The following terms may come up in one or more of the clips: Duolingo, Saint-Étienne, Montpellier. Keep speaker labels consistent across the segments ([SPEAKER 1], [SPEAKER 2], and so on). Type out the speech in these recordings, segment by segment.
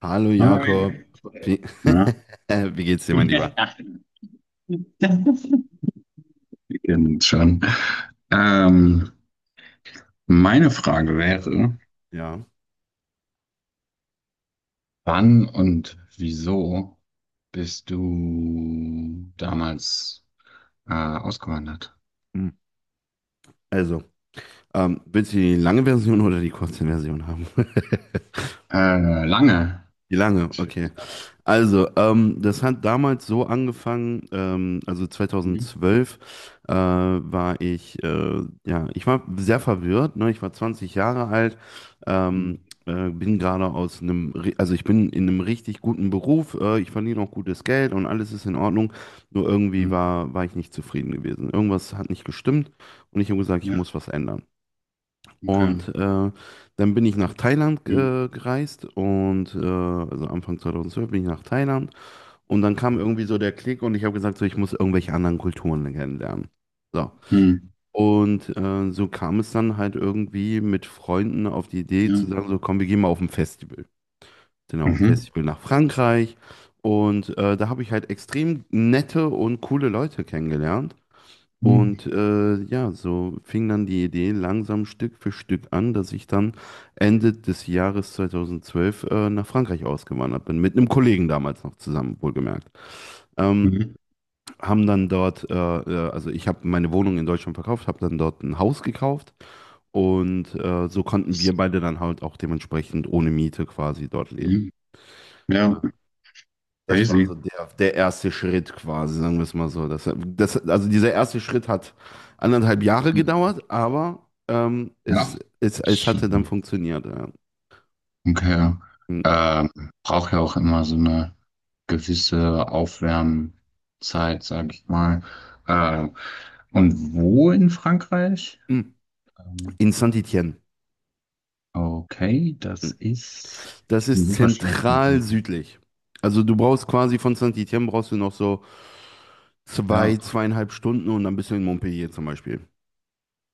[SPEAKER 1] Hallo Jakob,
[SPEAKER 2] Hi.
[SPEAKER 1] wie,
[SPEAKER 2] Na?
[SPEAKER 1] wie geht's dir, mein Lieber?
[SPEAKER 2] Ja. Wir kennen uns schon. Ähm, Meine Frage wäre,
[SPEAKER 1] Ja.
[SPEAKER 2] wann und wieso bist du damals ausgewandert?
[SPEAKER 1] Hm. Also, willst du die lange Version oder die kurze Version haben?
[SPEAKER 2] Lange.
[SPEAKER 1] Die lange, okay. Also, das hat damals so angefangen, also
[SPEAKER 2] Hm,
[SPEAKER 1] 2012 war ich, ja, ich war sehr verwirrt, ne? Ich war 20 Jahre alt,
[SPEAKER 2] hm,
[SPEAKER 1] ähm, bin gerade aus einem, also ich bin in einem richtig guten Beruf, ich verdiene auch gutes Geld und alles ist in Ordnung, nur irgendwie
[SPEAKER 2] hm,
[SPEAKER 1] war ich nicht zufrieden gewesen. Irgendwas hat nicht gestimmt und ich habe gesagt, ich
[SPEAKER 2] ja,
[SPEAKER 1] muss was ändern.
[SPEAKER 2] okay.
[SPEAKER 1] Und dann bin ich nach Thailand
[SPEAKER 2] Hm,
[SPEAKER 1] gereist und also Anfang 2012 bin ich nach Thailand und dann kam irgendwie so der Klick und ich habe gesagt, so, ich muss irgendwelche anderen Kulturen kennenlernen. So.
[SPEAKER 2] hm,
[SPEAKER 1] Und so kam es dann halt irgendwie mit Freunden auf die Idee
[SPEAKER 2] ja,
[SPEAKER 1] zu sagen, so komm, wir gehen mal auf ein Festival. Sind auf ein
[SPEAKER 2] mhm,
[SPEAKER 1] Festival nach Frankreich. Und da habe ich halt extrem nette und coole Leute kennengelernt.
[SPEAKER 2] hm,
[SPEAKER 1] Und ja, so fing dann die Idee langsam Stück für Stück an, dass ich dann Ende des Jahres 2012 nach Frankreich ausgewandert bin. Mit einem Kollegen damals noch zusammen, wohlgemerkt. Ähm,
[SPEAKER 2] mhm,
[SPEAKER 1] Haben dann dort, also ich habe meine Wohnung in Deutschland verkauft, habe dann dort ein Haus gekauft und so konnten wir beide dann halt auch dementsprechend ohne Miete quasi dort leben.
[SPEAKER 2] hm. Ja,
[SPEAKER 1] Das war
[SPEAKER 2] crazy.
[SPEAKER 1] so der erste Schritt quasi, sagen wir es mal so. Also dieser erste Schritt hat 1,5 Jahre gedauert, aber
[SPEAKER 2] Ja.
[SPEAKER 1] es hatte dann funktioniert. Ja.
[SPEAKER 2] Okay.
[SPEAKER 1] Mm.
[SPEAKER 2] Braucht ja auch immer so eine gewisse Aufwärmzeit, sag ich mal. Ähm, und wo in Frankreich? Ähm,
[SPEAKER 1] In Saint-Étienne.
[SPEAKER 2] okay, das
[SPEAKER 1] Hm.
[SPEAKER 2] ist.
[SPEAKER 1] Das
[SPEAKER 2] Ich bin
[SPEAKER 1] ist
[SPEAKER 2] super schlecht mit
[SPEAKER 1] zentral
[SPEAKER 2] dem.
[SPEAKER 1] südlich. Also du brauchst quasi von Saint-Étienne brauchst du noch so 2,
[SPEAKER 2] Ja,
[SPEAKER 1] 2,5 Stunden und dann bist du in Montpellier zum Beispiel.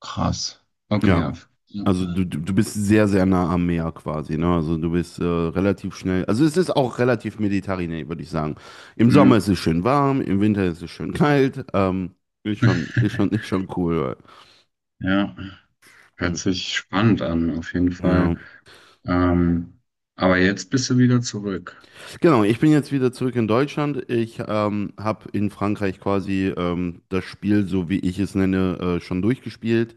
[SPEAKER 2] krass. Okay,
[SPEAKER 1] Ja,
[SPEAKER 2] ja. Ja.
[SPEAKER 1] also du bist sehr, sehr nah am Meer quasi, ne? Also du bist relativ schnell. Also es ist auch relativ mediterran, würde ich sagen. Im Sommer
[SPEAKER 2] Hm.
[SPEAKER 1] ist es schön warm, im Winter ist es schön kalt. Ähm, ist schon, ist schon, ist schon cool.
[SPEAKER 2] Ja, hört
[SPEAKER 1] Hm,
[SPEAKER 2] sich spannend an, auf jeden
[SPEAKER 1] Ja.
[SPEAKER 2] Fall. Ähm, aber jetzt bist du wieder zurück.
[SPEAKER 1] Genau, ich bin jetzt wieder zurück in Deutschland. Ich habe in Frankreich quasi das Spiel, so wie ich es nenne, schon durchgespielt.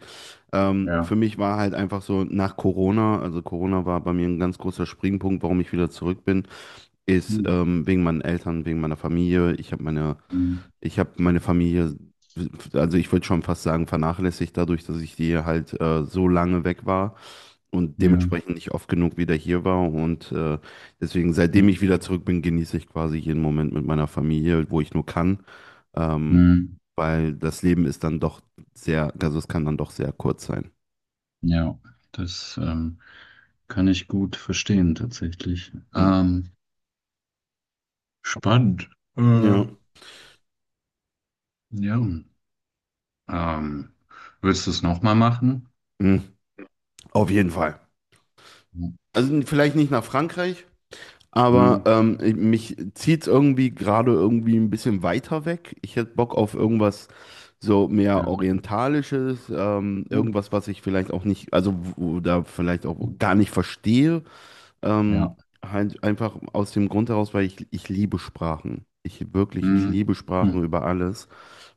[SPEAKER 1] Ähm,
[SPEAKER 2] Ja.
[SPEAKER 1] für mich war halt einfach so nach Corona, also Corona war bei mir ein ganz großer Springpunkt, warum ich wieder zurück bin, ist
[SPEAKER 2] Hm,
[SPEAKER 1] wegen meinen Eltern, wegen meiner Familie. Ich habe meine
[SPEAKER 2] hm,
[SPEAKER 1] ich habe meine Familie, also ich würde schon fast sagen, vernachlässigt dadurch, dass ich die halt so lange weg war und
[SPEAKER 2] ja.
[SPEAKER 1] dementsprechend nicht oft genug wieder hier war. Und deswegen, seitdem ich
[SPEAKER 2] Hm,
[SPEAKER 1] wieder zurück bin, genieße ich quasi jeden Moment mit meiner Familie, wo ich nur kann. Ähm,
[SPEAKER 2] hm.
[SPEAKER 1] weil das Leben ist dann doch sehr, also es kann dann doch sehr kurz sein.
[SPEAKER 2] Ja, das kann ich gut verstehen tatsächlich.
[SPEAKER 1] Mhm.
[SPEAKER 2] Spannend. Äh,
[SPEAKER 1] Ja,
[SPEAKER 2] ja. Ähm, Willst du es nochmal machen?
[SPEAKER 1] mhm. Auf jeden Fall.
[SPEAKER 2] Hm,
[SPEAKER 1] Also vielleicht nicht nach Frankreich. Aber
[SPEAKER 2] hm,
[SPEAKER 1] mich zieht es irgendwie gerade irgendwie ein bisschen weiter weg. Ich hätte Bock auf irgendwas so mehr
[SPEAKER 2] ja.
[SPEAKER 1] Orientalisches,
[SPEAKER 2] Hm,
[SPEAKER 1] irgendwas, was ich vielleicht auch nicht, also da vielleicht auch
[SPEAKER 2] hm,
[SPEAKER 1] gar nicht verstehe.
[SPEAKER 2] ja.
[SPEAKER 1] Ähm, halt einfach aus dem Grund heraus, weil ich liebe Sprachen. Ich
[SPEAKER 2] Hm,
[SPEAKER 1] liebe Sprachen
[SPEAKER 2] hm,
[SPEAKER 1] über alles.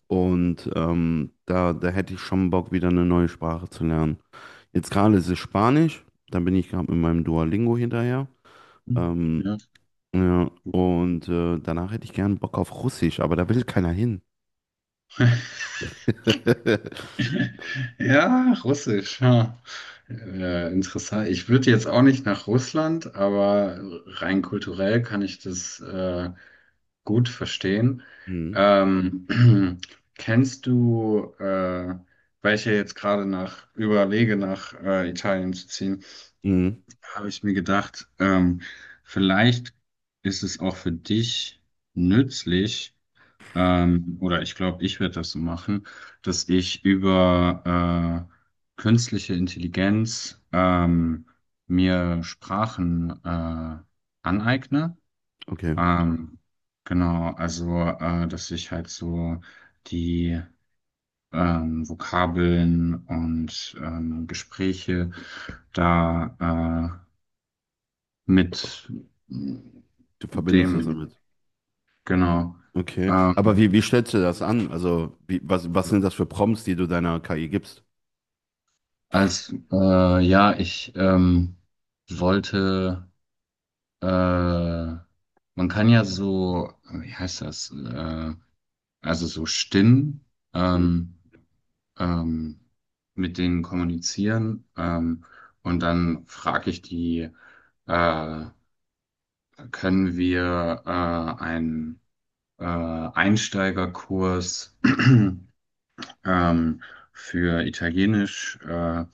[SPEAKER 1] Und da hätte ich schon Bock, wieder eine neue Sprache zu lernen. Jetzt gerade ist es Spanisch, dann bin ich gerade mit meinem Duolingo hinterher.
[SPEAKER 2] hm,
[SPEAKER 1] Ähm,
[SPEAKER 2] ja.
[SPEAKER 1] ja, und danach hätte ich gern Bock auf Russisch, aber da will keiner hin.
[SPEAKER 2] Ja, Russisch. Ha. Interessant. Ich würde jetzt auch nicht nach Russland, aber rein kulturell kann ich das gut verstehen.
[SPEAKER 1] Mhm.
[SPEAKER 2] Ähm, Kennst du, weil ich ja jetzt gerade nach überlege, nach Italien zu ziehen,
[SPEAKER 1] Mhm.
[SPEAKER 2] habe ich mir gedacht, vielleicht ist es auch für dich nützlich, oder ich glaube, ich werde das so machen, dass ich über künstliche Intelligenz mir Sprachen aneigne.
[SPEAKER 1] Okay,
[SPEAKER 2] Ähm, genau, also dass ich halt so die Vokabeln und Gespräche da mit
[SPEAKER 1] du verbindest das
[SPEAKER 2] dem,
[SPEAKER 1] damit.
[SPEAKER 2] genau.
[SPEAKER 1] Okay, aber
[SPEAKER 2] ähm,
[SPEAKER 1] wie stellst du das an? Also, was sind das für Prompts, die du deiner KI gibst?
[SPEAKER 2] Ja, ich wollte, äh, man kann ja so, wie heißt das, also so Stimmen
[SPEAKER 1] Mhm.
[SPEAKER 2] ähm, ähm, mit denen kommunizieren, und dann frage ich die, äh, können wir einen Einsteigerkurs ähm, für Italienisch äh,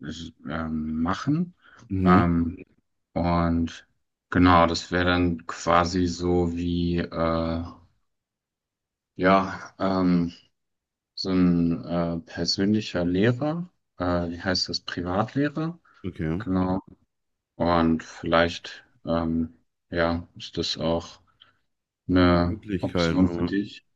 [SPEAKER 2] s- ähm, machen?
[SPEAKER 1] Mhm.
[SPEAKER 2] Ähm, Und genau, das wäre dann quasi so wie, ja, so ein persönlicher Lehrer. Wie heißt das? Privatlehrer.
[SPEAKER 1] Okay,
[SPEAKER 2] Genau. Und vielleicht, ja, ist das auch eine
[SPEAKER 1] Möglichkeit.
[SPEAKER 2] Option für dich.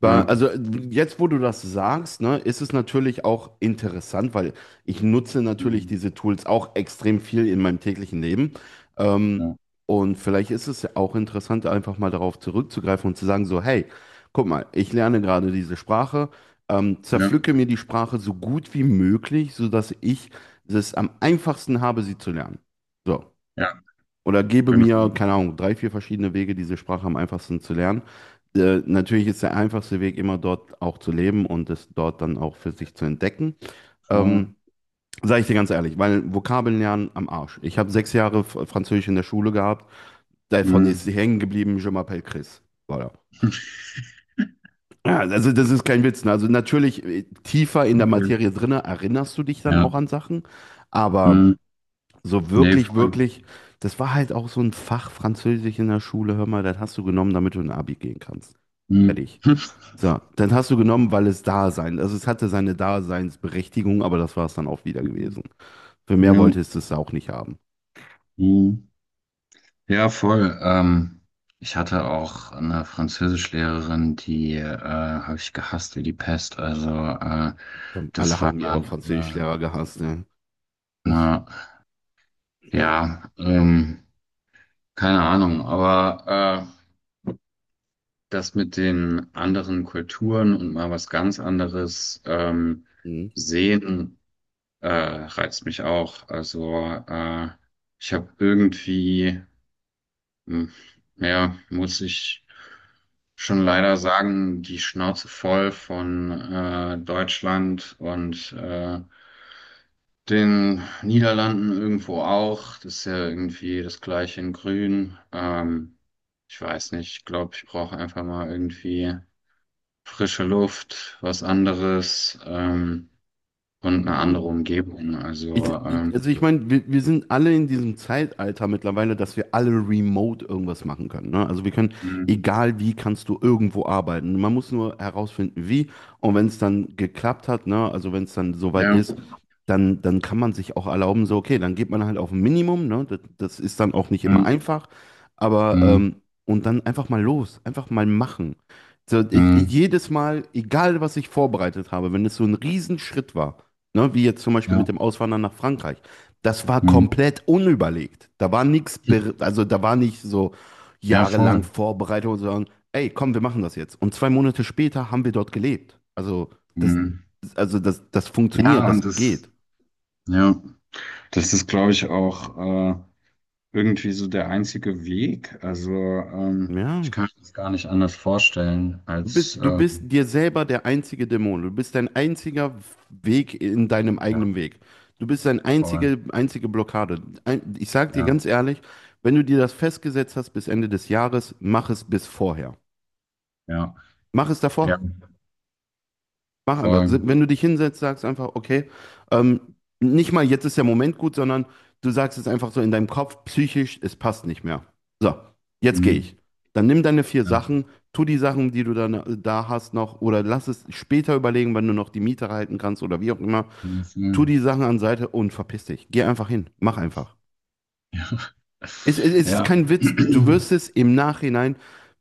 [SPEAKER 2] Ja,
[SPEAKER 1] Also jetzt, wo du das sagst, ne, ist es natürlich auch interessant, weil ich nutze natürlich
[SPEAKER 2] mhm,
[SPEAKER 1] diese Tools auch extrem viel in meinem täglichen Leben. Ähm,
[SPEAKER 2] ja,
[SPEAKER 1] und vielleicht ist es ja auch interessant, einfach mal darauf zurückzugreifen und zu sagen, so, hey, guck mal, ich lerne gerade diese Sprache,
[SPEAKER 2] ja,
[SPEAKER 1] zerpflücke mir die Sprache so gut wie möglich, sodass ich es am einfachsten habe, sie zu lernen. So,
[SPEAKER 2] ja,
[SPEAKER 1] oder gebe
[SPEAKER 2] genau.
[SPEAKER 1] mir, keine Ahnung, drei, vier verschiedene Wege, diese Sprache am einfachsten zu lernen. Natürlich ist der einfachste Weg immer dort auch zu leben und es dort dann auch für sich zu entdecken.
[SPEAKER 2] Voll.
[SPEAKER 1] Ähm, sage ich dir ganz ehrlich, weil Vokabeln lernen am Arsch. Ich habe 6 Jahre Französisch in der Schule gehabt, davon ist
[SPEAKER 2] Mhm.
[SPEAKER 1] hängen geblieben, Je m'appelle Chris. Voilà. Ja, also das ist kein Witz. Ne? Also natürlich tiefer in der
[SPEAKER 2] Okay.
[SPEAKER 1] Materie drinne erinnerst du dich dann
[SPEAKER 2] Ja.
[SPEAKER 1] auch an Sachen, aber
[SPEAKER 2] Mhm.
[SPEAKER 1] so
[SPEAKER 2] Nee,
[SPEAKER 1] wirklich,
[SPEAKER 2] voll.
[SPEAKER 1] wirklich, das war halt auch so ein Fach Französisch in der Schule. Hör mal, das hast du genommen, damit du in Abi gehen kannst.
[SPEAKER 2] Mhm.
[SPEAKER 1] Fertig. So, dann hast du genommen, weil es da sein, also es hatte seine Daseinsberechtigung, aber das war es dann auch wieder
[SPEAKER 2] Mhm.
[SPEAKER 1] gewesen. Für mehr
[SPEAKER 2] Ja.
[SPEAKER 1] wolltest du es auch nicht haben.
[SPEAKER 2] Mhm. Ja, voll. Ich hatte auch eine Französischlehrerin, die habe ich gehasst wie die Pest. Also äh,
[SPEAKER 1] Dann Alle
[SPEAKER 2] das war
[SPEAKER 1] haben ihre Französischlehrer gehasst, ne?
[SPEAKER 2] na,
[SPEAKER 1] Ja.
[SPEAKER 2] ja, keine Ahnung. Aber das mit den anderen Kulturen und mal was ganz anderes sehen reizt mich auch. Also ich habe irgendwie hm. Ja, muss ich schon leider sagen, die Schnauze voll von Deutschland und den Niederlanden irgendwo auch. Das ist ja irgendwie das gleiche in Grün. Ich weiß nicht, ich glaube, ich brauche einfach mal irgendwie frische Luft, was anderes und eine andere
[SPEAKER 1] Mhm.
[SPEAKER 2] Umgebung.
[SPEAKER 1] Ich,
[SPEAKER 2] Also,
[SPEAKER 1] ich- also ich meine, wir sind alle in diesem Zeitalter mittlerweile, dass wir alle remote irgendwas machen können. Ne? Also wir können,
[SPEAKER 2] hm,
[SPEAKER 1] egal wie, kannst du irgendwo arbeiten. Man muss nur herausfinden, wie. Und wenn es dann geklappt hat, ne? Also wenn es dann soweit
[SPEAKER 2] ja,
[SPEAKER 1] ist, dann, kann man sich auch erlauben, so, okay, dann geht man halt auf ein Minimum. Ne? Das ist dann auch nicht immer
[SPEAKER 2] hm,
[SPEAKER 1] einfach. Aber,
[SPEAKER 2] hm, hm,
[SPEAKER 1] ähm, und dann einfach mal los, einfach mal machen. So,
[SPEAKER 2] hm,
[SPEAKER 1] jedes Mal, egal was ich vorbereitet habe, wenn es so ein Riesenschritt war. Ne, wie jetzt zum Beispiel
[SPEAKER 2] ja,
[SPEAKER 1] mit dem Auswandern nach Frankreich. Das war
[SPEAKER 2] hm,
[SPEAKER 1] komplett unüberlegt. Da war nichts, also da war nicht so
[SPEAKER 2] ja,
[SPEAKER 1] jahrelang
[SPEAKER 2] voll.
[SPEAKER 1] Vorbereitung, sondern ey, komm, wir machen das jetzt. Und 2 Monate später haben wir dort gelebt. Das,
[SPEAKER 2] Hm.
[SPEAKER 1] also das funktioniert,
[SPEAKER 2] Ja,
[SPEAKER 1] das
[SPEAKER 2] und das,
[SPEAKER 1] geht.
[SPEAKER 2] ja, das ist, glaube ich, auch irgendwie so der einzige Weg. Also, ich
[SPEAKER 1] Ja,
[SPEAKER 2] kann mir das gar nicht anders vorstellen
[SPEAKER 1] Du bist,
[SPEAKER 2] als,
[SPEAKER 1] du bist dir selber der einzige Dämon. Du bist dein einziger Weg in deinem
[SPEAKER 2] ja,
[SPEAKER 1] eigenen Weg. Du bist deine
[SPEAKER 2] voll,
[SPEAKER 1] einzige, einzige Blockade. Ich sage dir
[SPEAKER 2] ja,
[SPEAKER 1] ganz ehrlich, wenn du dir das festgesetzt hast bis Ende des Jahres, mach es bis vorher.
[SPEAKER 2] ja,
[SPEAKER 1] Mach es
[SPEAKER 2] ja,
[SPEAKER 1] davor. Mach einfach.
[SPEAKER 2] voll,
[SPEAKER 1] Wenn du dich hinsetzt, sagst einfach, okay, ähm, nicht mal jetzt ist der Moment gut, sondern du sagst es einfach so in deinem Kopf, psychisch, es passt nicht mehr. So, jetzt gehe
[SPEAKER 2] mhm,
[SPEAKER 1] ich. Dann nimm deine vier
[SPEAKER 2] ja,
[SPEAKER 1] Sachen, tu die Sachen, die du dann da hast noch, oder lass es später überlegen, wenn du noch die Miete halten kannst oder wie auch immer.
[SPEAKER 2] nee,
[SPEAKER 1] Tu
[SPEAKER 2] voll.
[SPEAKER 1] die Sachen an Seite und verpiss dich. Geh einfach hin. Mach einfach. Es ist
[SPEAKER 2] Ja,
[SPEAKER 1] kein Witz. Du wirst es im Nachhinein,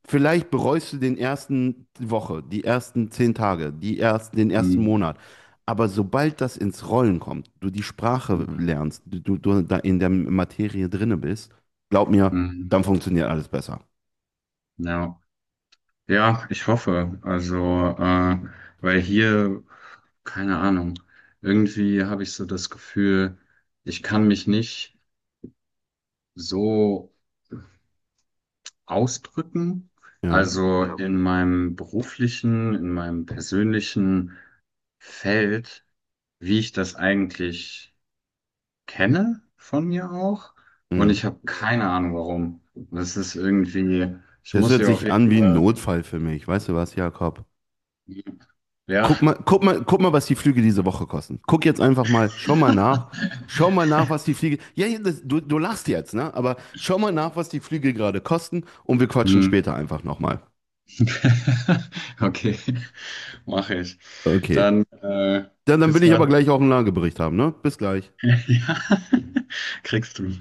[SPEAKER 1] vielleicht bereust du den ersten Woche, die ersten 10 Tage, die ersten, den ersten
[SPEAKER 2] mhm,
[SPEAKER 1] Monat. Aber sobald das ins Rollen kommt, du die Sprache lernst, du da in der Materie drinne bist, glaub mir,
[SPEAKER 2] mhm,
[SPEAKER 1] dann funktioniert alles besser.
[SPEAKER 2] ja, ja, ich hoffe, also, weil hier, keine Ahnung, irgendwie habe ich so das Gefühl, ich kann mich nicht so ausdrücken.
[SPEAKER 1] Ja.
[SPEAKER 2] Also ja, in meinem beruflichen, in meinem persönlichen Feld, wie ich das eigentlich kenne von mir auch. Und
[SPEAKER 1] Mhm.
[SPEAKER 2] ich habe keine Ahnung, warum. Das ist irgendwie, ich
[SPEAKER 1] Das
[SPEAKER 2] muss
[SPEAKER 1] hört
[SPEAKER 2] hier auf
[SPEAKER 1] sich
[SPEAKER 2] jeden
[SPEAKER 1] an wie ein
[SPEAKER 2] Fall,
[SPEAKER 1] Notfall für mich. Weißt du was, Jakob?
[SPEAKER 2] ja.
[SPEAKER 1] Guck mal, guck mal, guck mal, was die Flüge diese Woche kosten. Guck jetzt einfach mal, schau mal nach. Schau mal nach, was die Flüge. Ja, ja, du lachst jetzt, ne? Aber schau mal nach, was die Flüge gerade kosten und wir quatschen
[SPEAKER 2] Hm.
[SPEAKER 1] später einfach nochmal.
[SPEAKER 2] Okay, mache ich.
[SPEAKER 1] Okay.
[SPEAKER 2] Dann
[SPEAKER 1] Dann
[SPEAKER 2] bis
[SPEAKER 1] will ich aber
[SPEAKER 2] dann.
[SPEAKER 1] gleich auch einen Lagebericht haben, ne? Bis gleich.
[SPEAKER 2] Ja, kriegst du.